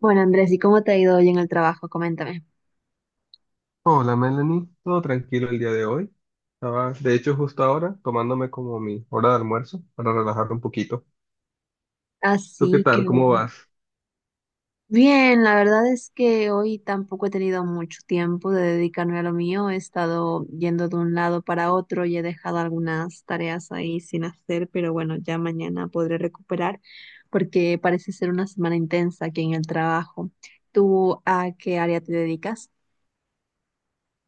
Bueno, Andrés, ¿y cómo te ha ido hoy en el trabajo? Coméntame. Hola Melanie, todo tranquilo el día de hoy. Estaba, de hecho, justo ahora tomándome como mi hora de almuerzo para relajarme un poquito. ¿Tú qué Así tal? que ¿Cómo bueno. vas? Bien, la verdad es que hoy tampoco he tenido mucho tiempo de dedicarme a lo mío. He estado yendo de un lado para otro y he dejado algunas tareas ahí sin hacer, pero bueno, ya mañana podré recuperar porque parece ser una semana intensa aquí en el trabajo. ¿Tú a qué área te dedicas?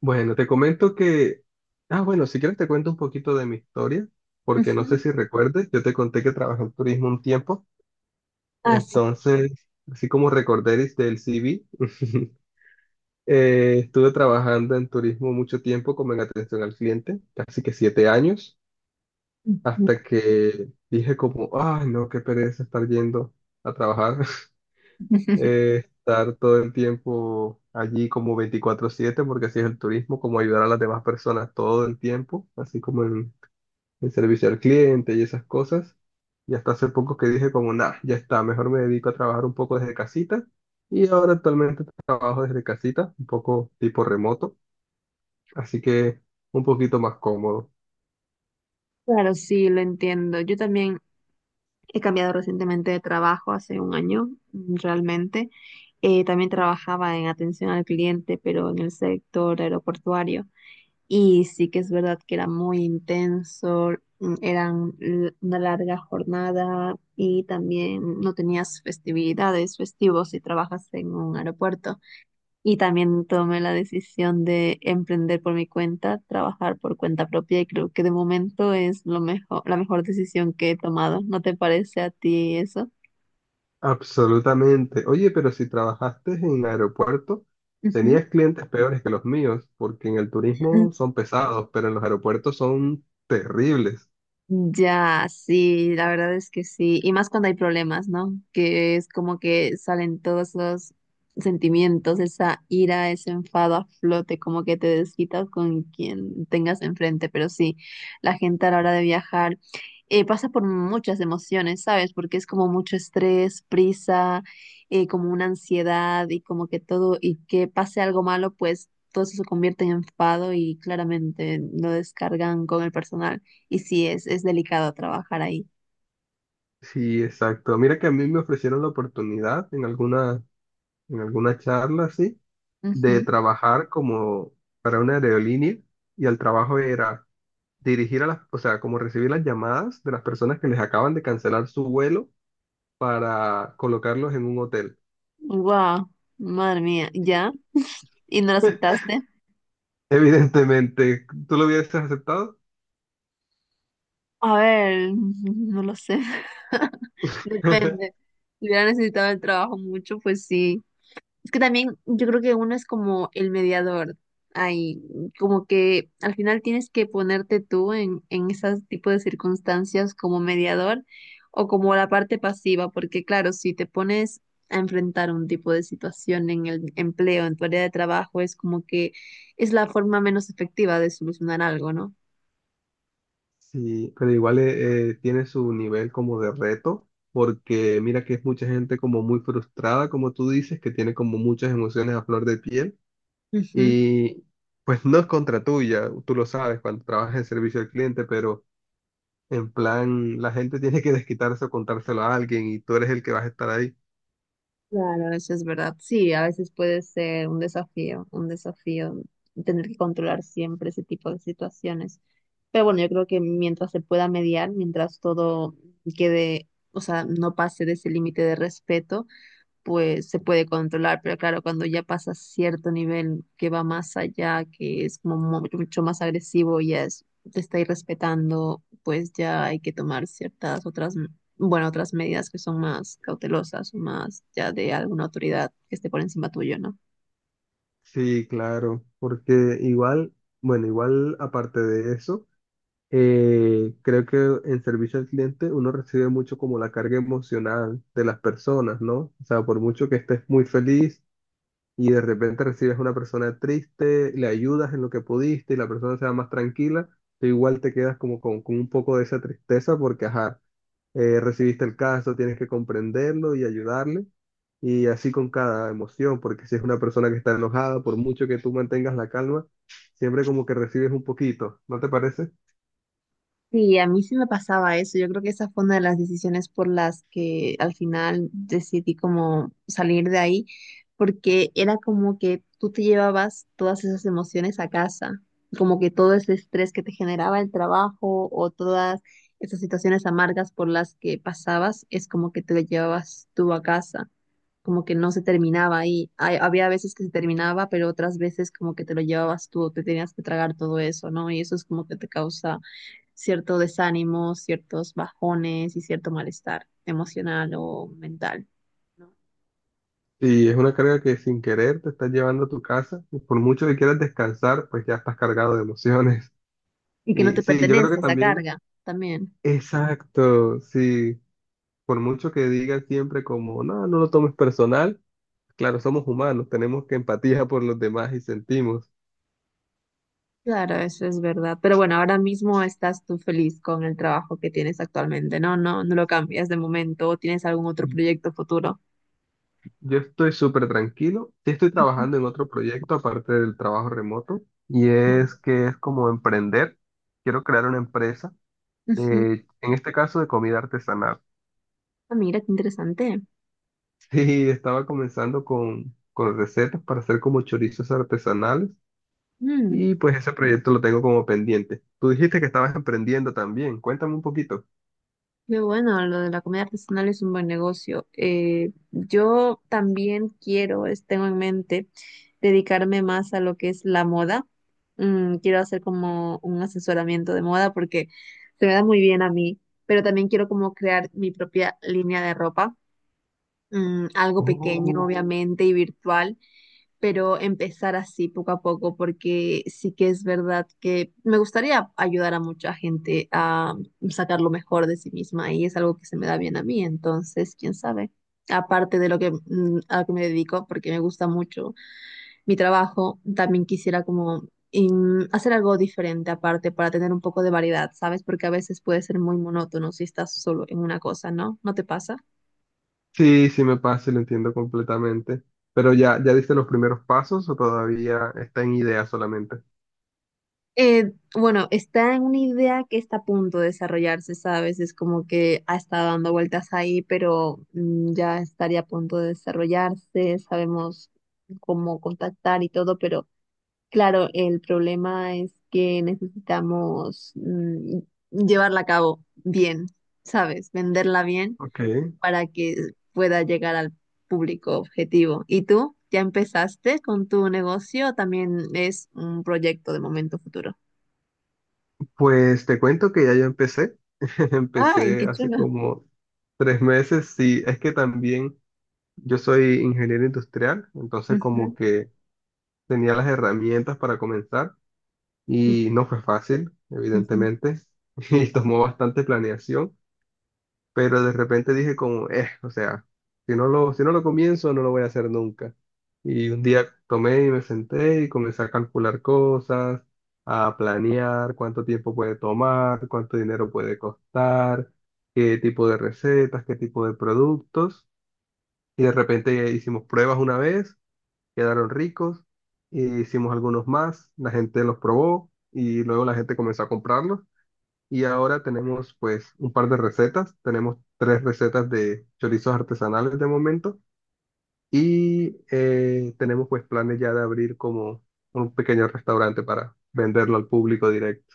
Bueno, te comento que... Ah, bueno, si quieres te cuento un poquito de mi historia, porque no sé Ujú. si recuerdes, yo te conté que trabajé en turismo un tiempo, Ah, sí. entonces, así como recordéis del CV. Estuve trabajando en turismo mucho tiempo como en atención al cliente, casi que 7 años. Ujú. Hasta que dije como, ay, no, qué pereza estar yendo a trabajar. Estar todo el tiempo allí como 24/7, porque así es el turismo, como ayudar a las demás personas todo el tiempo, así como en servicio al cliente y esas cosas. Y hasta hace poco que dije como, nah, ya está, mejor me dedico a trabajar un poco desde casita. Y ahora actualmente trabajo desde casita, un poco tipo remoto, así que un poquito más cómodo. Claro, sí, lo entiendo. Yo también he cambiado recientemente de trabajo hace 1 año, realmente. También trabajaba en atención al cliente, pero en el sector aeroportuario. Y sí que es verdad que era muy intenso, una larga jornada y también no tenías festividades, festivos si trabajas en un aeropuerto. Y también tomé la decisión de emprender por mi cuenta, trabajar por cuenta propia y creo que de momento es lo mejor, la mejor decisión que he tomado. ¿No te parece a ti eso? Absolutamente. Oye, pero si trabajaste en aeropuerto, Ujú. tenías clientes peores que los míos, porque en el turismo son pesados, pero en los aeropuertos son terribles. Ya, sí, la verdad es que sí. Y más cuando hay problemas, ¿no? Que es como que salen todos los sentimientos, esa ira, ese enfado a flote, como que te desquitas con quien tengas enfrente. Pero sí, la gente a la hora de viajar pasa por muchas emociones, ¿sabes? Porque es como mucho estrés, prisa, como una ansiedad y como que todo, y que pase algo malo, pues todo eso se convierte en enfado y claramente lo descargan con el personal. Y sí, es delicado trabajar ahí. Sí, exacto. Mira que a mí me ofrecieron la oportunidad en alguna charla sí de trabajar como para una aerolínea y el trabajo era dirigir a las, o sea, como recibir las llamadas de las personas que les acaban de cancelar su vuelo para colocarlos en un hotel. Wow, madre mía, ¿ya? ¿Y no lo aceptaste? Evidentemente, ¿tú lo hubieses aceptado? A ver, no lo sé. Depende. Si hubiera necesitado el trabajo mucho, pues sí. Es que también yo creo que uno es como el mediador ahí, como que al final tienes que ponerte tú en esas tipo de circunstancias como mediador o como la parte pasiva, porque claro, si te pones a enfrentar un tipo de situación en el empleo, en tu área de trabajo, es como que es la forma menos efectiva de solucionar algo, ¿no? Sí, pero igual tiene su nivel como de reto, porque mira que es mucha gente como muy frustrada, como tú dices, que tiene como muchas emociones a flor de piel Ujú. y pues no es contra tuya, tú lo sabes cuando trabajas en servicio al cliente, pero en plan la gente tiene que desquitarse o contárselo a alguien y tú eres el que vas a estar ahí. Claro, eso es verdad. Sí, a veces puede ser un desafío tener que controlar siempre ese tipo de situaciones. Pero bueno, yo creo que mientras se pueda mediar, mientras todo quede, o sea, no pase de ese límite de respeto, pues se puede controlar, pero claro, cuando ya pasa cierto nivel que va más allá, que es como mucho más agresivo, ya es, te está irrespetando, pues ya hay que tomar ciertas otras, bueno, otras medidas que son más cautelosas o más ya de alguna autoridad que esté por encima tuyo, ¿no? Sí, claro, porque igual, bueno, igual aparte de eso. Creo que en servicio al cliente uno recibe mucho como la carga emocional de las personas, ¿no? O sea, por mucho que estés muy feliz y de repente recibes una persona triste, le ayudas en lo que pudiste y la persona se va más tranquila, tú igual te quedas como con un poco de esa tristeza porque, ajá, recibiste el caso, tienes que comprenderlo y ayudarle. Y así con cada emoción, porque si es una persona que está enojada, por mucho que tú mantengas la calma, siempre como que recibes un poquito, ¿no te parece? Sí, a mí sí me pasaba eso. Yo creo que esa fue una de las decisiones por las que al final decidí como salir de ahí, porque era como que tú te llevabas todas esas emociones a casa, como que todo ese estrés que te generaba el trabajo o todas esas situaciones amargas por las que pasabas, es como que te lo llevabas tú a casa, como que no se terminaba ahí. Había veces que se terminaba, pero otras veces como que te lo llevabas tú, te tenías que tragar todo eso, ¿no? Y eso es como que te causa cierto desánimo, ciertos bajones y cierto malestar emocional o mental, ¿no? Y es una carga que sin querer te estás llevando a tu casa y por mucho que quieras descansar, pues ya estás cargado de emociones. Y que no Y te sí, yo creo pertenece que esa también, carga también. exacto, sí, por mucho que digan siempre como, no, no lo tomes personal, claro, somos humanos, tenemos que empatía por los demás y sentimos. Claro, eso es verdad. Pero bueno, ahora mismo estás tú feliz con el trabajo que tienes actualmente, ¿no? No, no lo cambias de momento o tienes algún otro proyecto futuro. Yo estoy súper tranquilo, sí estoy trabajando en otro proyecto aparte del trabajo remoto y es que es como emprender, quiero crear una empresa, Ujú. En este caso de comida artesanal. Ah, mira, qué interesante. Sí, estaba comenzando con recetas para hacer como chorizos artesanales Mm. y pues ese proyecto lo tengo como pendiente. Tú dijiste que estabas emprendiendo también, cuéntame un poquito. Qué bueno, lo de la comida artesanal es un buen negocio. Yo también quiero, tengo en mente, dedicarme más a lo que es la moda. Quiero hacer como un asesoramiento de moda porque se me da muy bien a mí, pero también quiero como crear mi propia línea de ropa, algo pequeño, Oh. obviamente, y virtual, pero empezar así poco a poco, porque sí que es verdad que me gustaría ayudar a mucha gente a sacar lo mejor de sí misma y es algo que se me da bien a mí, entonces, quién sabe. Aparte de lo que, a lo que me dedico, porque me gusta mucho mi trabajo, también quisiera como hacer algo diferente aparte para tener un poco de variedad, ¿sabes? Porque a veces puede ser muy monótono si estás solo en una cosa, ¿no? ¿No te pasa? Sí, sí me pasa y lo entiendo completamente, pero ya, ¿ya diste los primeros pasos o todavía está en idea solamente? Bueno, está en una idea que está a punto de desarrollarse, ¿sabes? Es como que ha estado dando vueltas ahí, pero ya estaría a punto de desarrollarse, sabemos cómo contactar y todo, pero claro, el problema es que necesitamos llevarla a cabo bien, ¿sabes? Venderla bien Ok, para que pueda llegar al público objetivo. ¿Y tú? ¿Ya empezaste con tu negocio o también es un proyecto de momento futuro? pues te cuento que ya yo empecé. Ay, Empecé qué hace chulo. como 3 meses, sí, es que también yo soy ingeniero industrial, entonces Ujú, como que tenía las herramientas para comenzar y no fue fácil, ujú. evidentemente. Y tomó bastante planeación, pero de repente dije como, o sea, si no lo comienzo, no lo voy a hacer nunca. Y un día tomé y me senté y comencé a calcular cosas, a planear cuánto tiempo puede tomar, cuánto dinero puede costar, qué tipo de recetas, qué tipo de productos. Y de repente hicimos pruebas una vez, quedaron ricos, e hicimos algunos más, la gente los probó y luego la gente comenzó a comprarlos. Y ahora tenemos pues un par de recetas, tenemos tres recetas de chorizos artesanales de momento y tenemos pues planes ya de abrir como un pequeño restaurante para venderlo al público directo.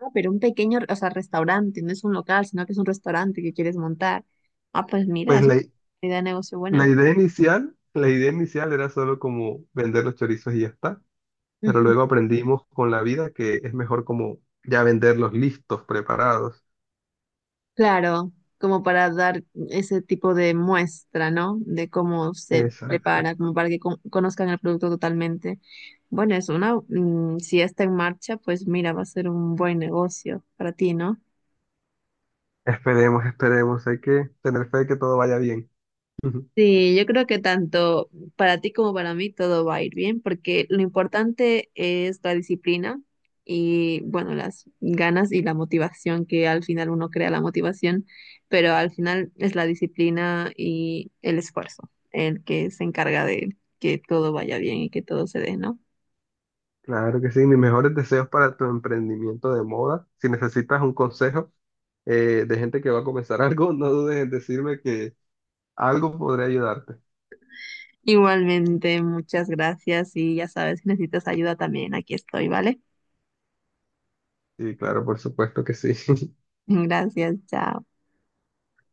Ah, pero un pequeño, o sea, restaurante, no es un local, sino que es un restaurante que quieres montar. Ah, pues mira, Pues es una la, i- idea de negocio buena. La idea inicial era solo como vender los chorizos y ya está, pero Ujú. luego aprendimos con la vida que es mejor como ya venderlos listos, preparados. Claro, como para dar ese tipo de muestra, ¿no? De cómo se Exacto. prepara, como para que conozcan el producto totalmente. Bueno, es una, si ya está en marcha, pues mira, va a ser un buen negocio para ti, ¿no? Esperemos, esperemos. Hay que tener fe de que todo vaya bien. Sí, yo creo que tanto para ti como para mí todo va a ir bien, porque lo importante es la disciplina y, bueno, las ganas y la motivación, que al final uno crea la motivación, pero al final es la disciplina y el esfuerzo el que se encarga de que todo vaya bien y que todo se dé, ¿no? Claro que sí. Mis mejores deseos para tu emprendimiento de moda. Si necesitas un consejo de gente que va a comenzar algo, no dudes en decirme que algo podré ayudarte. Igualmente, muchas gracias y ya sabes, si necesitas ayuda también, aquí estoy, ¿vale? Sí, claro, por supuesto que sí. Gracias, chao.